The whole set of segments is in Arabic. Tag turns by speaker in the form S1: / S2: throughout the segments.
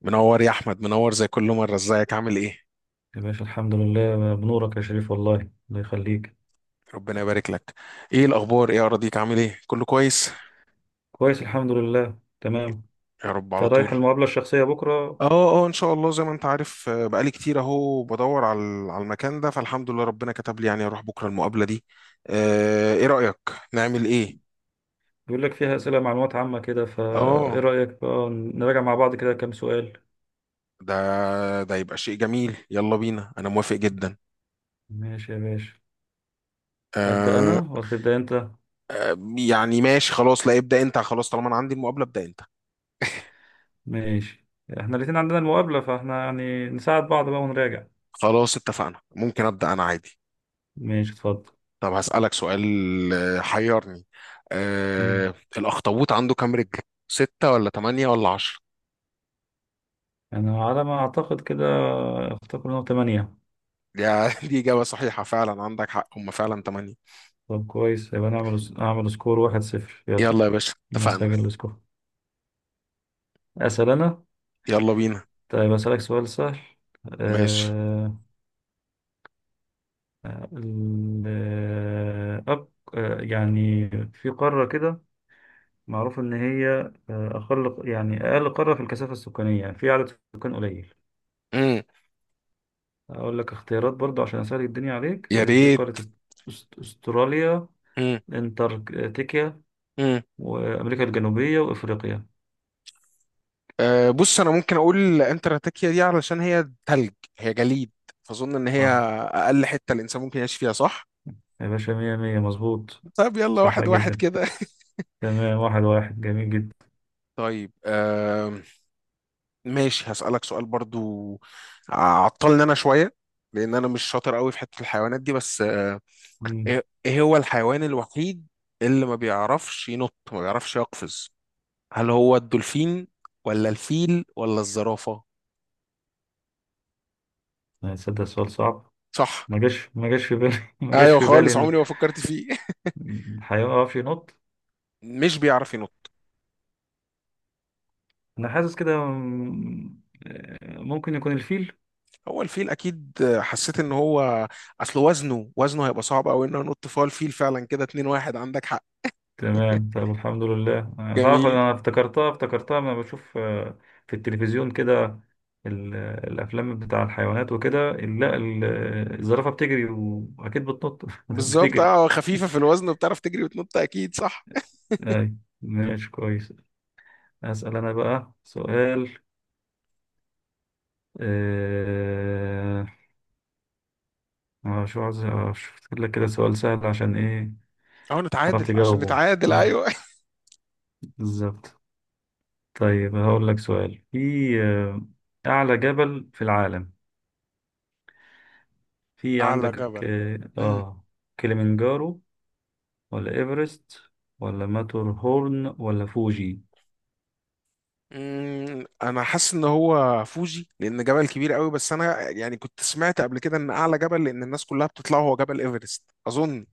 S1: منور يا احمد منور زي كل مره، ازيك؟ عامل ايه؟
S2: يا باشا الحمد لله بنورك يا شريف والله. الله يخليك.
S1: ربنا يبارك لك. ايه الاخبار؟ ايه اراضيك؟ عامل ايه؟ كله كويس؟
S2: كويس الحمد لله تمام.
S1: يا رب
S2: انت
S1: على
S2: رايح
S1: طول.
S2: المقابلة الشخصية بكرة؟
S1: اه. اه، ان شاء الله زي ما انت عارف. بقالي كتير اهو بدور على المكان ده، فالحمد لله ربنا كتب لي يعني اروح بكره المقابله دي. ايه رايك نعمل ايه؟
S2: بيقول لك فيها أسئلة معلومات عامة كده، فإيه
S1: اه.
S2: رأيك بقى نراجع مع بعض كده كام سؤال؟
S1: ده ده يبقى شيء جميل، يلا بينا انا موافق جدا.
S2: ماشي يا باشا. أبدأ
S1: آه.
S2: أنا ولا تبدأ أنت؟
S1: يعني ماشي خلاص، لا ابدا انت، خلاص طالما انا عندي المقابله ابدا انت.
S2: ماشي، احنا الاتنين عندنا المقابلة فاحنا يعني نساعد بعض بقى ونراجع.
S1: خلاص اتفقنا، ممكن ابدا انا عادي.
S2: ماشي اتفضل.
S1: طب هسألك سؤال. حيرني.
S2: مم.
S1: الأخطبوط عنده كام رجل؟ ستة ولا تمانية ولا عشرة؟
S2: أنا على ما أعتقد كده أفتكر إنه تمانية.
S1: يا دي إجابة صحيحة فعلا، عندك حق، هما فعلا تمانية.
S2: طب كويس يبقى نعمل أعمل سكور واحد صفر يلا.
S1: يلا يا باشا اتفقنا.
S2: نسجل السكور. أسأل أنا.
S1: يلا بينا.
S2: طيب أسألك سؤال سهل.
S1: ماشي.
S2: آه الأب. يعني في قارة كده معروف إن هي أقل، يعني أقل قارة في الكثافة السكانية، يعني في عدد سكان قليل.
S1: مم.
S2: أقول لك اختيارات برضو عشان أسهل الدنيا عليك.
S1: يا
S2: آه في
S1: ريت.
S2: قارة أست- أست- أستراليا،
S1: مم.
S2: أنتاركتيكا،
S1: مم.
S2: وأمريكا الجنوبية وإفريقيا.
S1: أه، بص، أنا ممكن أقول انتراتاكيا دي علشان هي تلج، هي جليد، فأظن إن هي
S2: صح
S1: أقل حتة الإنسان ممكن يعيش فيها، صح؟
S2: يا باشا، مية مية، مظبوط.
S1: طيب، يلا
S2: صح
S1: واحد واحد
S2: جدا،
S1: كده.
S2: تمام، واحد واحد، جميل جدا.
S1: طيب ماشي. هسألك سؤال برضو، عطلني انا شوية لان انا مش شاطر قوي في حتة الحيوانات دي، بس
S2: مم.
S1: ايه هو الحيوان الوحيد اللي ما بيعرفش ينط، ما بيعرفش يقفز؟ هل هو الدولفين ولا الفيل ولا الزرافة؟
S2: هتصدق السؤال صعب.
S1: صح.
S2: ما جاش في بالي. ما جاش
S1: ايوه
S2: في بالي
S1: خالص،
S2: ان
S1: عمري ما فكرت فيه.
S2: إن هيقف ينط.
S1: مش بيعرف ينط.
S2: انا حاسس كده ممكن يكون الفيل.
S1: هو الفيل اكيد، حسيت ان هو، اصل وزنه هيبقى صعب قوي انه ينط، فهو الفيل فعلا كده. 2 واحد، عندك حق،
S2: تمام، طب الحمد لله. أنا تعرف
S1: جميل.
S2: انا افتكرتها لما بشوف في التلفزيون كده. ال- الافلام بتاع الحيوانات وكده، ال- لا ال- الزرافة بتجري واكيد بتنط.
S1: بالظبط
S2: بتجري.
S1: خفيفة في الوزن وبتعرف تجري وتنط اكيد، صح.
S2: أي، ماشي كويس. أسأل أنا بقى سؤال. آه، شو عايز أفتكر لك كده سؤال سهل عشان إيه
S1: أو
S2: تعرف
S1: نتعادل، عشان
S2: تجاوبه.
S1: نتعادل،
S2: مم.
S1: أيوه.
S2: بالظبط. طيب هقول لك سؤال في آه، أعلى جبل في العالم في
S1: أعلى
S2: عندك.
S1: جبل. امم
S2: كليمنجارو، ولا إيفرست، ولا ماتور هورن، ولا فوجي؟
S1: أمم، انا حاسس ان هو فوجي لان جبل كبير قوي، بس انا يعني كنت سمعت قبل كده ان اعلى جبل، لان الناس كلها بتطلعه، هو جبل ايفرست اظن.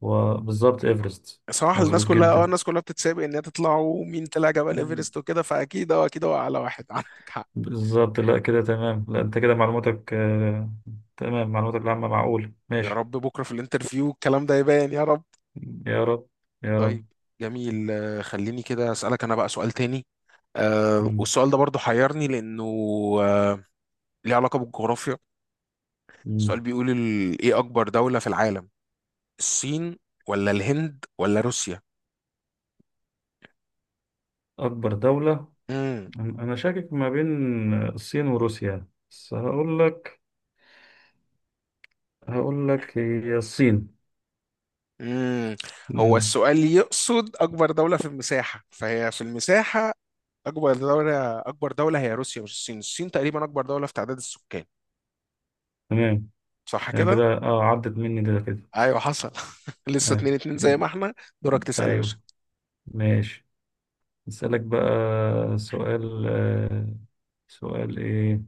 S2: وبالظبط إيفرست.
S1: صراحه
S2: مظبوط جدا.
S1: الناس كلها بتتسابق ان هي تطلع، ومين طلع جبل
S2: يعني
S1: ايفرست وكده، فاكيد اه اكيد هو اعلى واحد. عندك حق،
S2: بالظبط، لا كده تمام، لا أنت كده معلوماتك تمام، معلوماتك العامة معقولة،
S1: يا
S2: ماشي.
S1: رب بكره في الانترفيو الكلام ده يبان، يا رب.
S2: يا رب، يا
S1: طيب،
S2: رب.
S1: جميل. خليني كده اسالك انا بقى سؤال تاني.
S2: مم.
S1: والسؤال ده برضو حيرني لانه آه ليه علاقه بالجغرافيا.
S2: مم.
S1: السؤال بيقول ايه اكبر دولة في العالم؟ الصين ولا الهند ولا روسيا؟
S2: أكبر دولة.
S1: امم
S2: أنا شاكك ما بين الصين وروسيا، بس هقول لك هي الصين.
S1: امم هو
S2: مم.
S1: السؤال يقصد اكبر دولة في المساحة، فهي في المساحة اكبر دولة هي روسيا، مش الصين تقريبا اكبر دولة في تعداد السكان،
S2: تمام،
S1: صح
S2: هي
S1: كده؟
S2: كده، اه، عدت مني ده كده.
S1: ايوه حصل. لسه
S2: آه.
S1: اتنين اتنين زي ما احنا. دورك تسأل يا باشا.
S2: أيوه، ماشي. أسألك بقى سؤال. آه، سؤال إيه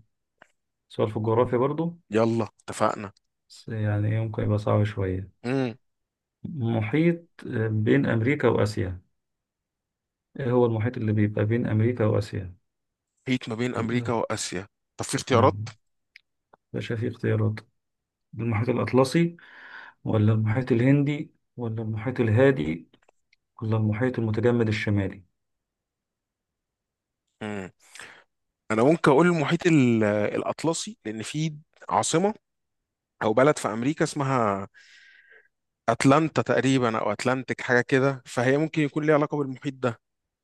S2: سؤال في الجغرافيا برضو،
S1: يلا اتفقنا.
S2: بس يعني إيه ممكن يبقى صعب شوية.
S1: امم
S2: محيط بين أمريكا وآسيا. إيه هو المحيط اللي بيبقى بين أمريكا وآسيا؟
S1: محيط ما بين امريكا واسيا، طب في اختيارات.
S2: مم. باشا في اختيارات. المحيط الأطلسي، ولا المحيط الهندي، ولا المحيط الهادي، ولا المحيط المتجمد الشمالي؟
S1: امم انا ممكن اقول المحيط الاطلسي لان فيه عاصمة او بلد في امريكا اسمها اتلانتا تقريبا، او اتلانتيك، حاجه كده، فهي ممكن يكون ليها علاقه بالمحيط ده.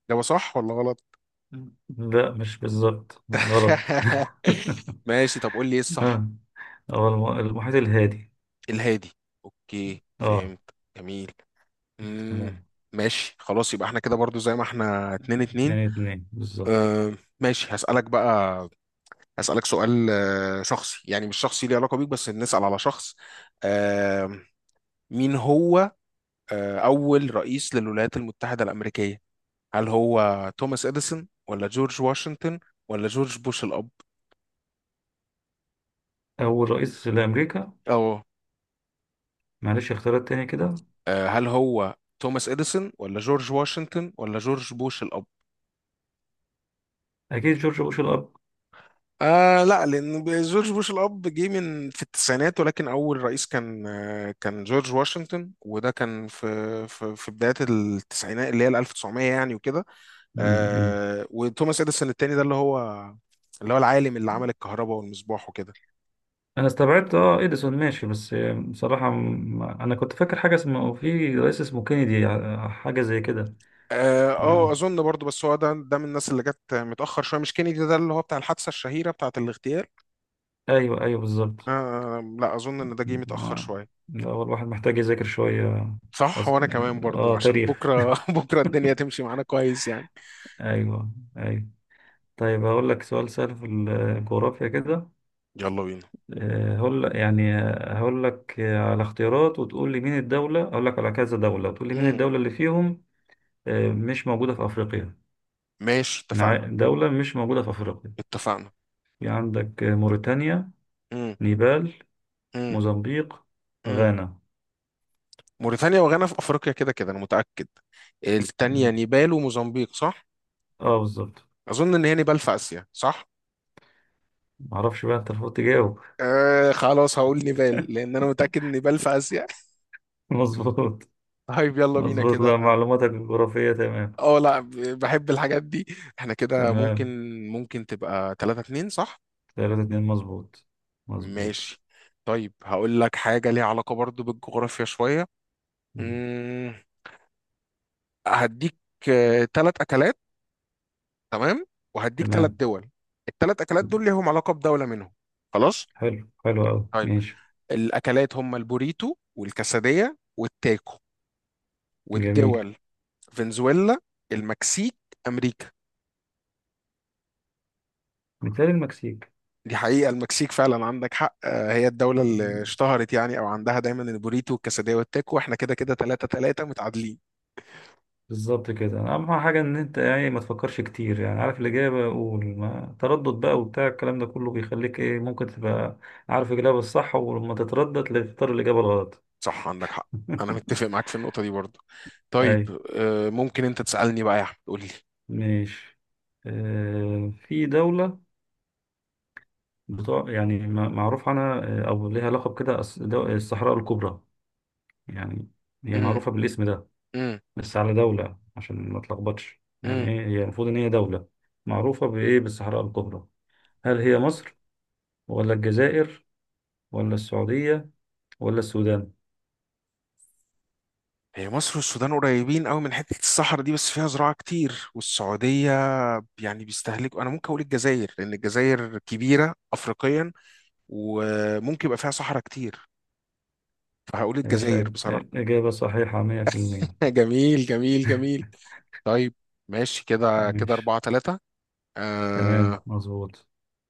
S1: ده صح ولا غلط؟
S2: لا مش بالظبط، غلط.
S1: ماشي، طب قول لي ايه الصح.
S2: ها، هو المحيط الهادي.
S1: الهادي، اوكي
S2: اه،
S1: فهمت. جميل. امم
S2: تمام.
S1: ماشي خلاص، يبقى احنا كده برضو زي ما احنا، اتنين
S2: اتنين
S1: اتنين.
S2: اتنين بالظبط.
S1: اه. ماشي هسألك بقى، هسألك سؤال شخصي، يعني مش شخصي ليه علاقة بيك، بس نسأل على شخص. آه، مين هو أول رئيس للولايات المتحدة الأمريكية؟ هل هو توماس اديسون ولا جورج واشنطن ولا جورج بوش الاب؟
S2: أول رئيس لأمريكا.
S1: اه.
S2: معلش اختيارات تاني كده.
S1: هل هو توماس اديسون ولا جورج واشنطن ولا جورج بوش الاب؟
S2: أكيد جورج بوش الأب.
S1: لا، لان جورج بوش الاب جه من في التسعينات، ولكن اول رئيس كان جورج واشنطن، وده كان في بدايه التسعينات اللي هي ال 1900 يعني وكده.
S2: مم. مم.
S1: وتوماس اديسون التاني ده اللي هو العالم اللي عمل الكهرباء والمصباح وكده.
S2: أنا استبعدت اه إديسون ماشي، بس بصراحة أنا كنت فاكر حاجة اسمه في رئيس اسمه كينيدي، حاجة زي كده. نعم.
S1: اظن برضو بس هو ده من الناس اللي جت متاخر شويه، مش كينيدي ده اللي هو بتاع الحادثه الشهيره، بتاعه الاغتيال؟
S2: أيوه أيوه بالظبط.
S1: لا، اظن ان ده جه متاخر
S2: لا،
S1: شويه،
S2: لا، هو الواحد محتاج يذاكر شوية.
S1: صح،
S2: أص...
S1: وانا كمان برضو
S2: اه
S1: عشان
S2: تاريخ.
S1: بكره بكره الدنيا تمشي معانا كويس يعني.
S2: ايوه، ايوه. طيب هقول لك سؤال سهل في الجغرافيا كده.
S1: يلا بينا.
S2: هقول يعني، هقول لك على اختيارات وتقول لي مين الدولة، اقول لك على كذا دولة وتقول لي مين
S1: امم
S2: الدولة اللي فيهم مش موجودة في افريقيا.
S1: ماشي اتفقنا.
S2: دولة مش موجودة في افريقيا.
S1: اتفقنا.
S2: في عندك موريتانيا،
S1: امم
S2: نيبال،
S1: امم
S2: موزمبيق،
S1: امم
S2: غانا.
S1: موريتانيا وغانا في افريقيا، كده كده انا متاكد. التانية
S2: مم.
S1: نيبال وموزمبيق، صح؟
S2: اه بالظبط.
S1: اظن ان هي نيبال في اسيا، صح؟
S2: معرفش بقى، انت المفروض تجاوب.
S1: خلاص هقول نيبال لان انا متاكد ان نيبال في اسيا.
S2: مظبوط.
S1: طيب يلا بينا
S2: مظبوط،
S1: كده.
S2: لا معلوماتك الجغرافية تمام.
S1: اه، لا. بحب الحاجات دي. احنا كده ممكن
S2: تمام.
S1: ممكن تبقى 3-2، صح؟
S2: ثلاثة اتنين مظبوط. مظبوط.
S1: ماشي. طيب هقول لك حاجة ليها علاقة برضو بالجغرافيا شوية.
S2: مم.
S1: مم، هديك ثلاث أكلات، تمام، وهديك ثلاث
S2: تمام.
S1: دول. الثلاث أكلات دول ليهم علاقة بدولة منهم. خلاص.
S2: حلو، حلو أوي،
S1: طيب،
S2: ماشي.
S1: الأكلات هم البوريتو والكاسادية والتاكو،
S2: جميل.
S1: والدول فنزويلا، المكسيك، أمريكا.
S2: مثال المكسيك.
S1: دي حقيقة المكسيك فعلا عندك حق، هي الدولة اللي
S2: مم.
S1: اشتهرت يعني، أو عندها دايما البوريتو والكاسادية والتاكو. احنا كده كده تلاتة تلاتة متعادلين.
S2: بالظبط كده. أهم حاجة إن أنت يعني ما تفكرش كتير، يعني عارف الإجابة قول ما تردد بقى، وبتاع الكلام ده كله بيخليك إيه ممكن تبقى عارف الإجابة الصح ولما تتردد تختار الإجابة الغلط.
S1: صح عندك حق. أنا متفق معاك في النقطة دي برضه. طيب،
S2: أي
S1: ممكن أنت تسألني بقى يا أحمد، قول لي.
S2: ماشي. آه في دولة بتوع يعني معروف عنها او ليها لقب كده الصحراء الكبرى يعني، هي
S1: امم
S2: معروفة بالاسم ده.
S1: امم
S2: بس على دولة عشان ما تلخبطش، يعني
S1: امم
S2: ايه هي المفروض ان هي دولة معروفة بايه؟ بالصحراء الكبرى. هل هي مصر، ولا الجزائر، ولا السعودية، ولا السودان؟
S1: هي مصر والسودان قريبين قوي من حتة الصحراء دي، بس فيها زراعة كتير، والسعودية يعني بيستهلكوا. أنا ممكن أقول الجزائر لأن الجزائر كبيرة أفريقيا، وممكن يبقى فيها صحراء كتير، فهقول
S2: يا
S1: الجزائر
S2: باشا،
S1: بصراحة.
S2: إجابة صحيحة 100%.
S1: جميل، جميل، جميل. طيب، ماشي، كده كده
S2: ماشي،
S1: أربعة تلاتة.
S2: تمام
S1: آه.
S2: مظبوط.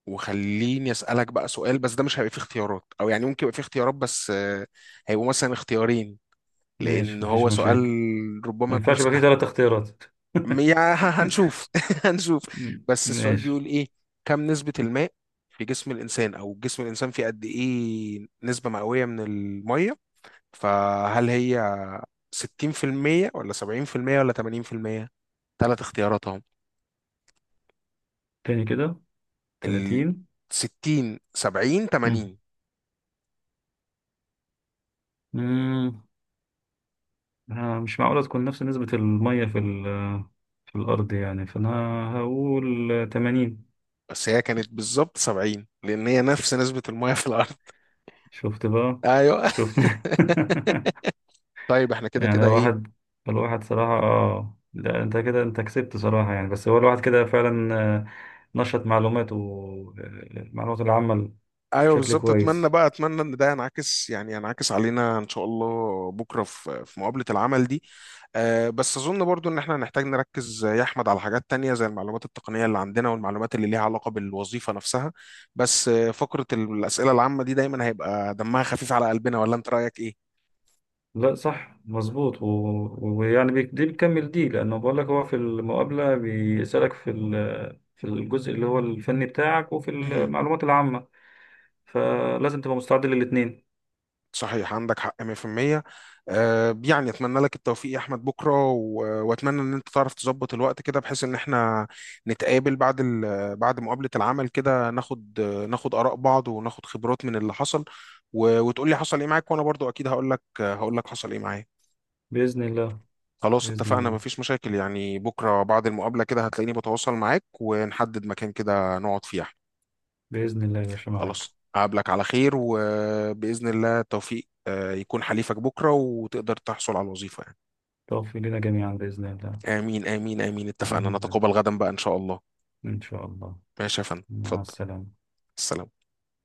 S1: وخليني أسألك بقى سؤال، بس ده مش هيبقى فيه اختيارات، أو يعني ممكن يبقى فيه اختيارات، بس هيبقوا مثلا اختيارين، لأن
S2: ماشي مفيش
S1: هو سؤال
S2: مشاكل. ما
S1: ربما يكون
S2: ينفعش يبقى فيه
S1: سهل.
S2: ثلاث اختيارات.
S1: هنشوف. هنشوف. بس السؤال بيقول
S2: ماشي.
S1: إيه؟ كم نسبة الماء في جسم الإنسان؟ أو جسم الإنسان فيه قد إيه نسبة مئوية من المية؟ فهل هي 60% ولا 70% ولا 80%؟ ثلاث اختيارات،
S2: تاني كده؟
S1: ال
S2: 30؟
S1: 60 70 80.
S2: مم. مش معقولة تكون نفس نسبة المية في ال، في الأرض يعني، فأنا هقول تمانين.
S1: بس هي كانت بالظبط 70 لان هي نفس نسبة المية في الارض.
S2: شفت بقى؟
S1: ايوه.
S2: شفت؟
S1: طيب احنا كده
S2: يعني
S1: كده ايه؟
S2: الواحد، الواحد صراحة اه، لا انت كده، انت كسبت صراحة يعني. بس هو الواحد كده فعلا نشط معلوماته، المعلومات العامة
S1: ايوه
S2: بشكل
S1: بالظبط، اتمنى
S2: كويس.
S1: بقى، اتمنى ان ده ينعكس، يعني ينعكس علينا ان شاء الله بكره في مقابله العمل دي. أه، بس اظن برضو ان احنا هنحتاج نركز يا احمد على حاجات تانية، زي المعلومات التقنيه اللي عندنا والمعلومات اللي ليها علاقه بالوظيفه نفسها، بس فقره الاسئله العامه دي دايما هيبقى دمها خفيف على قلبنا، ولا انت رايك
S2: لا صح مظبوط، ويعني دي بتكمل دي، لأنه بقول لك هو في المقابلة بيسألك في ال، في الجزء اللي هو الفني بتاعك وفي
S1: ايه؟
S2: المعلومات العامة، فلازم تبقى مستعد للاتنين.
S1: صحيح عندك حق 100%. يعني اتمنى لك التوفيق يا احمد بكره، واتمنى ان انت تعرف تظبط الوقت كده بحيث ان احنا نتقابل بعد بعد مقابله العمل كده، ناخد اراء بعض، وناخد خبرات من اللي حصل، وتقول لي حصل ايه معاك. وانا برضو اكيد هقول لك حصل ايه معايا.
S2: بإذن الله.
S1: خلاص
S2: بإذن
S1: اتفقنا،
S2: الله.
S1: مفيش مشاكل يعني، بكره بعد المقابله كده هتلاقيني بتواصل معاك، ونحدد مكان كده نقعد فيه.
S2: بإذن الله يا باشا معاك.
S1: خلاص أقابلك على خير، وبإذن الله التوفيق يكون حليفك بكرة، وتقدر تحصل على الوظيفة يعني.
S2: توفي لنا جميعا بإذن الله.
S1: آمين آمين آمين اتفقنا،
S2: بإذن الله.
S1: نتقابل غدا بقى إن شاء الله.
S2: إن شاء الله.
S1: ماشي يا فندم،
S2: مع
S1: اتفضل.
S2: السلامة.
S1: السلام.